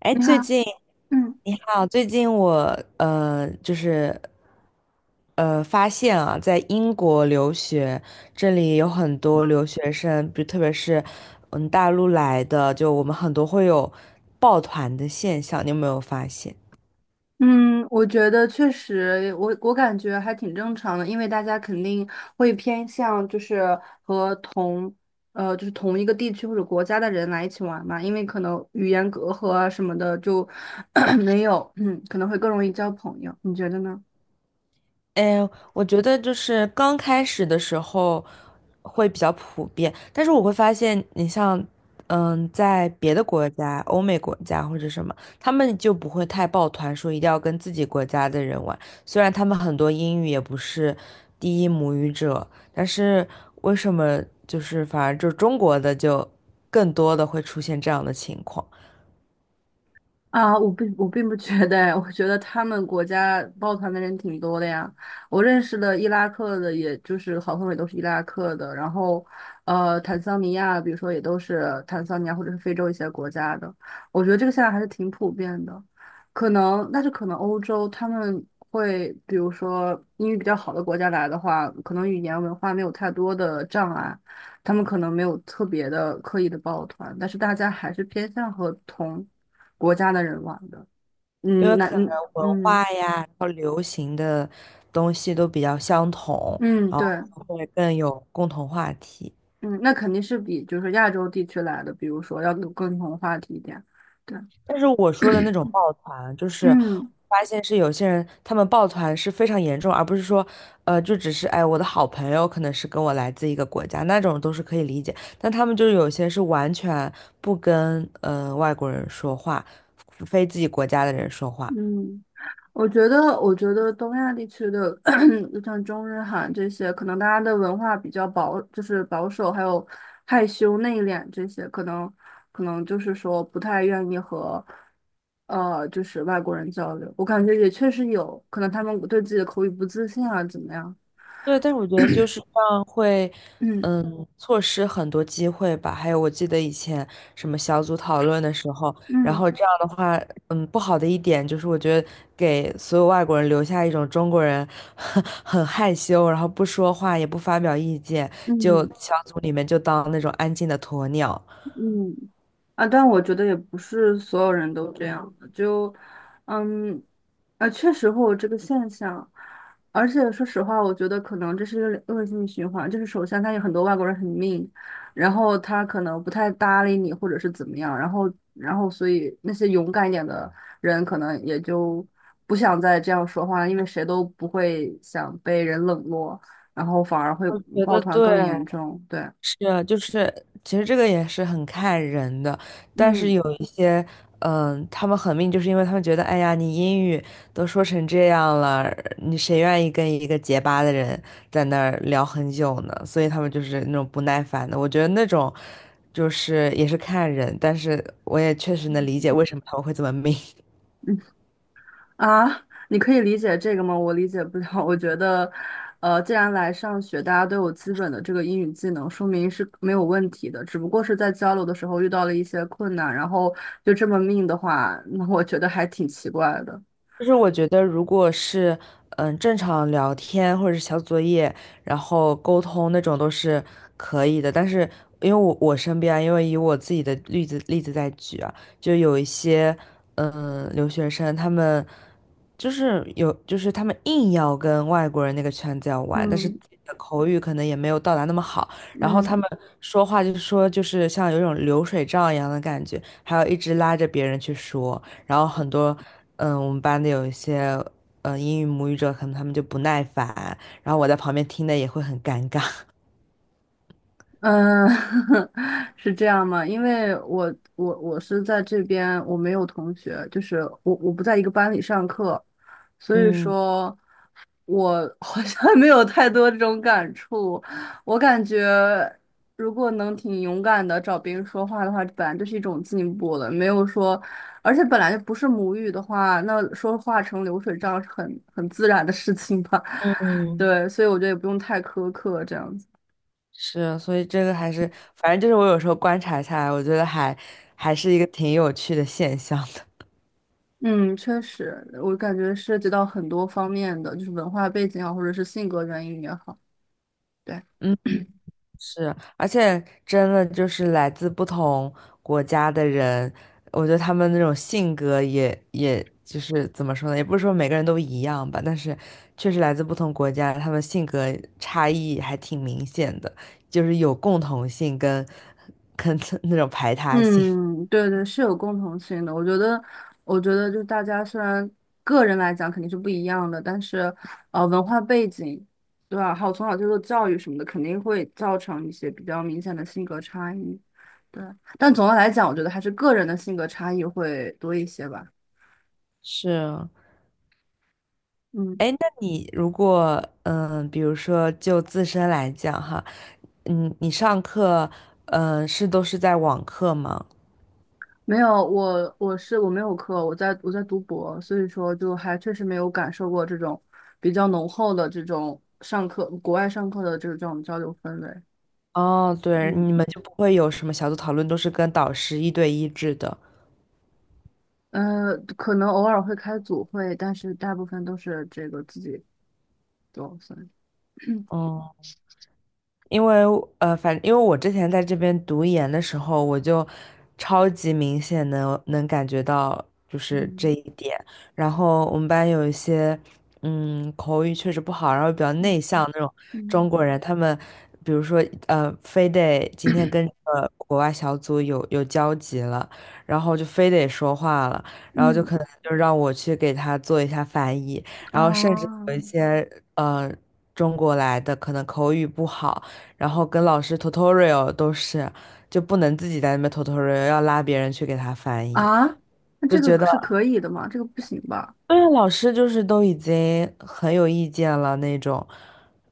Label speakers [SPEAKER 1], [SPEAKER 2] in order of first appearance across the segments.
[SPEAKER 1] 哎，
[SPEAKER 2] 你好，嗯
[SPEAKER 1] 你好，最近我就是发现啊，在英国留学，这里有很多留学生，特别是大陆来的，就我们很多会有抱团的现象，你有没有发现？
[SPEAKER 2] 嗯，我觉得确实，我感觉还挺正常的，因为大家肯定会偏向就是和同呃就是同一个地区或者国家的人来一起玩嘛，因为可能语言隔阂啊什么的就 没有，嗯，可能会更容易交朋友，你觉得呢？
[SPEAKER 1] 哎，我觉得就是刚开始的时候会比较普遍，但是我会发现，你像，在别的国家，欧美国家或者什么，他们就不会太抱团，说一定要跟自己国家的人玩。虽然他们很多英语也不是第一母语者，但是为什么就是反而就中国的就更多的会出现这样的情况？
[SPEAKER 2] 啊，我并我并不觉得，哎，我觉得他们国家抱团的人挺多的呀。我认识的伊拉克的，也就是好朋友也都是伊拉克的，然后坦桑尼亚，比如说也都是坦桑尼亚或者是非洲一些国家的。我觉得这个现在还是挺普遍的，但是可能欧洲他们会，比如说英语比较好的国家来的话，可能语言文化没有太多的障碍，他们可能没有特别的刻意的抱团，但是大家还是偏向和同。国家的人玩的。
[SPEAKER 1] 因
[SPEAKER 2] 嗯，
[SPEAKER 1] 为
[SPEAKER 2] 那
[SPEAKER 1] 可能文化呀，然后流行的东西都比较相同，
[SPEAKER 2] 嗯，
[SPEAKER 1] 然后
[SPEAKER 2] 对，
[SPEAKER 1] 会更有共同话题。
[SPEAKER 2] 嗯，那肯定是比就是亚洲地区来的，比如说要有共同话题一点。对，
[SPEAKER 1] 但是我说的那种抱团，就是
[SPEAKER 2] 嗯
[SPEAKER 1] 发现是有些人他们抱团是非常严重，而不是说，就只是哎，我的好朋友可能是跟我来自一个国家，那种都是可以理解。但他们就是有些是完全不跟外国人说话，非自己国家的人说话。
[SPEAKER 2] 嗯，我觉得东亚地区的 就 像中日韩这些，可能大家的文化比较保，就是保守，还有害羞内敛这些，可能就是说不太愿意和。就是外国人交流，我感觉也确实有可能他们对自己的口语不自信啊，怎么样？
[SPEAKER 1] 对，但是我觉得就是这样会，
[SPEAKER 2] 嗯。
[SPEAKER 1] 错失很多机会吧。还有，我记得以前什么小组讨论的时候，然
[SPEAKER 2] 嗯
[SPEAKER 1] 后这样的话，不好的一点就是，我觉得给所有外国人留下一种中国人 很害羞，然后不说话也不发表意见，就
[SPEAKER 2] 嗯
[SPEAKER 1] 小组里面就当那种安静的鸵鸟。
[SPEAKER 2] 嗯，啊，但我觉得也不是所有人都这样的就，嗯，啊，确实会有这个现象，而且说实话，我觉得可能这是一个恶性循环，就是首先他有很多外国人很 mean,然后他可能不太搭理你，或者是怎么样，然后所以那些勇敢一点的人可能也就不想再这样说话了，因为谁都不会想被人冷落，然后反而会
[SPEAKER 1] 我觉
[SPEAKER 2] 抱
[SPEAKER 1] 得
[SPEAKER 2] 团
[SPEAKER 1] 对，
[SPEAKER 2] 更严重，对。
[SPEAKER 1] 是啊，就是其实这个也是很看人的，但是
[SPEAKER 2] 嗯
[SPEAKER 1] 有一些，他们很命，就是因为他们觉得，哎呀，你英语都说成这样了，你谁愿意跟一个结巴的人在那儿聊很久呢？所以他们就是那种不耐烦的。我觉得那种就是也是看人，但是我也确实能理解为什么他们会这么命。
[SPEAKER 2] 嗯。啊，你可以理解这个吗？我理解不了。我觉得，既然来上学，大家都有基本的这个英语技能，说明是没有问题的。只不过是在交流的时候遇到了一些困难，然后就这么命的话，那我觉得还挺奇怪的。
[SPEAKER 1] 就是我觉得，如果是正常聊天或者是小作业，然后沟通那种都是可以的。但是因为我身边啊因为以我自己的例子在举啊，就有一些留学生，他们就是有就是他们硬要跟外国人那个圈子要玩，但是
[SPEAKER 2] 嗯
[SPEAKER 1] 自己的口语可能也没有到达那么好，然后他
[SPEAKER 2] 嗯
[SPEAKER 1] 们说话就是像有一种流水账一样的感觉，还要一直拉着别人去说。然后很多，我们班的有一些，英语母语者，可能他们就不耐烦，然后我在旁边听的也会很尴尬。
[SPEAKER 2] 嗯，是这样吗？因为我是在这边，我没有同学，就是我不在一个班里上课，所以
[SPEAKER 1] 嗯
[SPEAKER 2] 说。我 好像没有太多这种感触。我感觉，如果能挺勇敢的找别人说话的话，本来就是一种进步了。没有说，而且本来就不是母语的话，那说话成流水账是很自然的事情吧。
[SPEAKER 1] 嗯，
[SPEAKER 2] 对，所以我觉得也不用太苛刻这样子。
[SPEAKER 1] 是，所以这个还是，反正就是我有时候观察下来，我觉得还是一个挺有趣的现象的。
[SPEAKER 2] 嗯，确实，我感觉涉及到很多方面的，就是文化背景啊，或者是性格原因也好。对。
[SPEAKER 1] 嗯。是，而且真的就是来自不同国家的人，我觉得他们那种性格也就是怎么说呢，也不是说每个人都一样吧，但是确实来自不同国家，他们性格差异还挺明显的，就是有共同性跟 那种排他性。
[SPEAKER 2] 嗯，对对，是有共同性的。我觉得，我觉得就是大家虽然个人来讲肯定是不一样的，但是文化背景，对吧？还有从小接受教育什么的，肯定会造成一些比较明显的性格差异。对，但总的来讲，我觉得还是个人的性格差异会多一些吧。
[SPEAKER 1] 是，
[SPEAKER 2] 嗯，
[SPEAKER 1] 哎，那你如果比如说就自身来讲哈，你上课是都是在网课吗？
[SPEAKER 2] 没有，我没有课，我在读博，所以说就还确实没有感受过这种比较浓厚的这种上课，国外上课的这种交流氛围。
[SPEAKER 1] 哦，对，
[SPEAKER 2] 嗯。
[SPEAKER 1] 你们就不会有什么小组讨论，都是跟导师一对一制的。
[SPEAKER 2] 呃，可能偶尔会开组会，但是大部分都是这个自己做，算是
[SPEAKER 1] 哦、因为因为我之前在这边读研的时候，我就超级明显能感觉到就是这
[SPEAKER 2] 嗯
[SPEAKER 1] 一点。然后我们班有一些口语确实不好，然后比较
[SPEAKER 2] 嗯
[SPEAKER 1] 内向那种中
[SPEAKER 2] 嗯，
[SPEAKER 1] 国人，他们比如说非得今天跟国外小组有交集了，然后就非得说话了，然后就
[SPEAKER 2] 嗯，
[SPEAKER 1] 可能就让我去给他做一下翻译，然后甚至有一
[SPEAKER 2] 哦，
[SPEAKER 1] 些呃中国来的可能口语不好。然后跟老师 tutorial 都是，就不能自己在那边 tutorial，要拉别人去给他翻译，
[SPEAKER 2] 啊，那
[SPEAKER 1] 就
[SPEAKER 2] 这
[SPEAKER 1] 觉
[SPEAKER 2] 个
[SPEAKER 1] 得
[SPEAKER 2] 是可以的吗？这个不行吧？
[SPEAKER 1] 对啊，老师就是都已经很有意见了那种，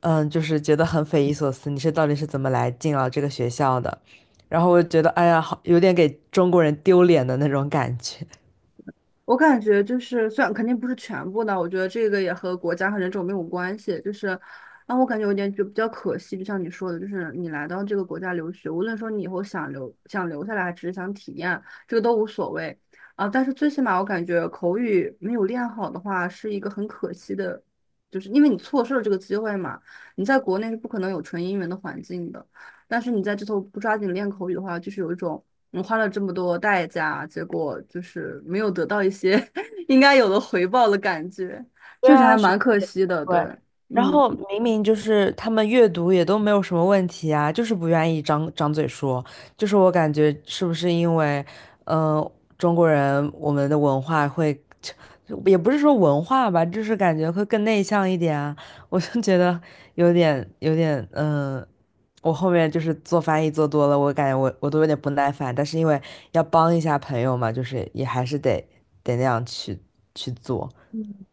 [SPEAKER 1] 就是觉得很匪夷所思，你到底是怎么来进了这个学校的？然后我就觉得，哎呀，好有点给中国人丢脸的那种感觉。
[SPEAKER 2] 我感觉就是，虽然肯定不是全部的，我觉得这个也和国家和人种没有关系。就是，让我感觉有点就比较可惜，就像你说的，就是你来到这个国家留学，无论说你以后想留下来，还只是想体验，这个都无所谓啊。但是最起码我感觉口语没有练好的话，是一个很可惜的，就是因为你错失了这个机会嘛。你在国内是不可能有纯英文的环境的，但是你在这头不抓紧练口语的话，就是有一种。我花了这么多代价，结果就是没有得到一些 应该有的回报的感觉，
[SPEAKER 1] 对
[SPEAKER 2] 确实还
[SPEAKER 1] 啊，学
[SPEAKER 2] 蛮
[SPEAKER 1] 费
[SPEAKER 2] 可
[SPEAKER 1] 也
[SPEAKER 2] 惜
[SPEAKER 1] 不
[SPEAKER 2] 的。对，
[SPEAKER 1] 贵。然
[SPEAKER 2] 嗯
[SPEAKER 1] 后明明就是他们阅读也都没有什么问题啊，就是不愿意张张嘴说。就是我感觉是不是因为，嗯，中国人我们的文化会，也不是说文化吧，就是感觉会更内向一点啊。我就觉得有点，我后面就是做翻译做多了，我感觉我都有点不耐烦，但是因为要帮一下朋友嘛，就是也还是得那样去做。
[SPEAKER 2] 嗯，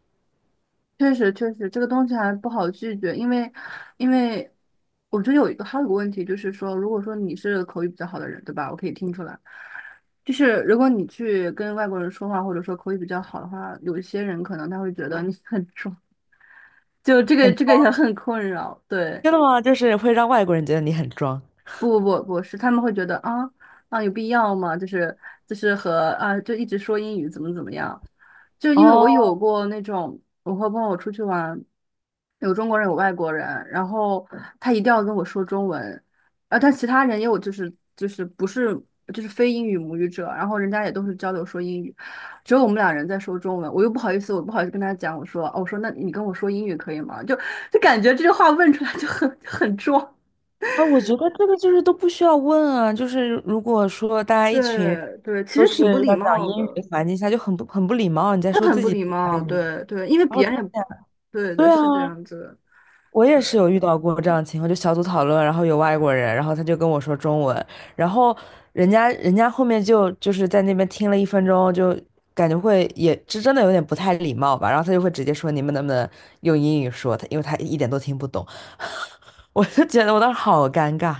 [SPEAKER 2] 确实，这个东西还不好拒绝，因为我觉得有一个问题就是说，如果说你是口语比较好的人，对吧？我可以听出来，就是如果你去跟外国人说话，或者说口语比较好的话，有一些人可能他会觉得你很 装，就这个也很困扰。对，
[SPEAKER 1] 真的吗？就是会让外国人觉得你很装
[SPEAKER 2] 不是，他们会觉得啊，啊，有必要吗？就是和啊，就一直说英语怎么怎么样，就因为我
[SPEAKER 1] 哦。
[SPEAKER 2] 有过那种我和朋友出去玩，有中国人有外国人，然后他一定要跟我说中文，啊，但其他人也有就是不是就是非英语母语者，然后人家也都是交流说英语，只有我们俩人在说中文，我又不好意思，我不好意思跟他讲，我说哦，我说那你跟我说英语可以吗？就就感觉这句话问出来就很就很装。
[SPEAKER 1] 那我觉得这个就是都不需要问啊，就是如果说大家一群人
[SPEAKER 2] 对对，其
[SPEAKER 1] 都
[SPEAKER 2] 实
[SPEAKER 1] 是
[SPEAKER 2] 挺不礼
[SPEAKER 1] 要讲
[SPEAKER 2] 貌
[SPEAKER 1] 英语
[SPEAKER 2] 的，
[SPEAKER 1] 的环境下，就很不礼貌。你在
[SPEAKER 2] 是
[SPEAKER 1] 说
[SPEAKER 2] 很
[SPEAKER 1] 自
[SPEAKER 2] 不
[SPEAKER 1] 己，
[SPEAKER 2] 礼貌。对对，因为
[SPEAKER 1] 然
[SPEAKER 2] 别
[SPEAKER 1] 后
[SPEAKER 2] 人也不，对对，
[SPEAKER 1] 对啊，
[SPEAKER 2] 是这样子的。
[SPEAKER 1] 我也是有遇到过这样的情况，就小组讨论，然后有外国人，然后他就跟我说中文，然后人家后面就是在那边听了1分钟，就感觉会也这真的有点不太礼貌吧，然后他就会直接说你们能不能用英语说，因为他一点都听不懂。我就觉得我当时好尴尬。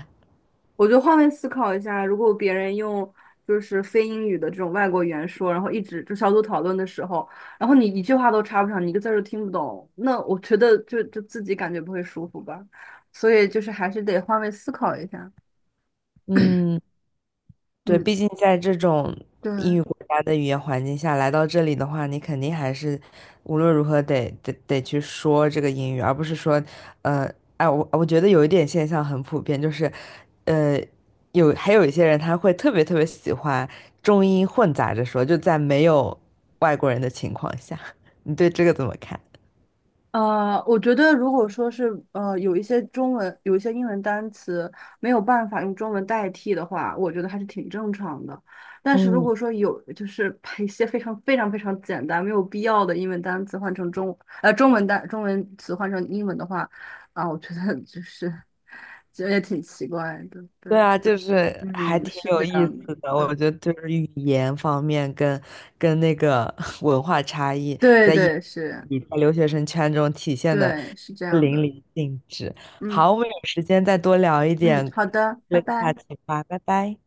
[SPEAKER 2] 我就换位思考一下，如果别人用就是非英语的这种外国语言说，然后一直就小组讨论的时候，然后你一句话都插不上，你一个字儿都听不懂，那我觉得就就自己感觉不会舒服吧。所以就是还是得换位思考一下。
[SPEAKER 1] 嗯，对，
[SPEAKER 2] 嗯，
[SPEAKER 1] 毕竟在这种英
[SPEAKER 2] 对。
[SPEAKER 1] 语国家的语言环境下来到这里的话，你肯定还是无论如何得去说这个英语，而不是说，呃，哎，我觉得有一点现象很普遍，就是，呃，还有一些人他会特别特别喜欢中英混杂着说，就在没有外国人的情况下，你对这个怎么看？
[SPEAKER 2] 我觉得如果说是有一些中文有一些英文单词没有办法用中文代替的话，我觉得还是挺正常的。但是如
[SPEAKER 1] 嗯。
[SPEAKER 2] 果说有就是把一些非常非常非常简单没有必要的英文单词换成中中文中文词换成英文的话，啊，我觉得就是 其实也挺奇怪的，
[SPEAKER 1] 对
[SPEAKER 2] 对，
[SPEAKER 1] 啊，就是还
[SPEAKER 2] 嗯，
[SPEAKER 1] 挺
[SPEAKER 2] 是
[SPEAKER 1] 有
[SPEAKER 2] 这
[SPEAKER 1] 意
[SPEAKER 2] 样的，
[SPEAKER 1] 思的，
[SPEAKER 2] 对，
[SPEAKER 1] 我觉得就是语言方面跟那个 文化差异，
[SPEAKER 2] 对对是，
[SPEAKER 1] 你在留学生圈中体现的
[SPEAKER 2] 对是这样
[SPEAKER 1] 淋
[SPEAKER 2] 的，
[SPEAKER 1] 漓尽致。
[SPEAKER 2] 嗯
[SPEAKER 1] 好，我们有时间再多聊一
[SPEAKER 2] 嗯，
[SPEAKER 1] 点
[SPEAKER 2] 好的，拜
[SPEAKER 1] 这个话
[SPEAKER 2] 拜。
[SPEAKER 1] 题吧，拜拜。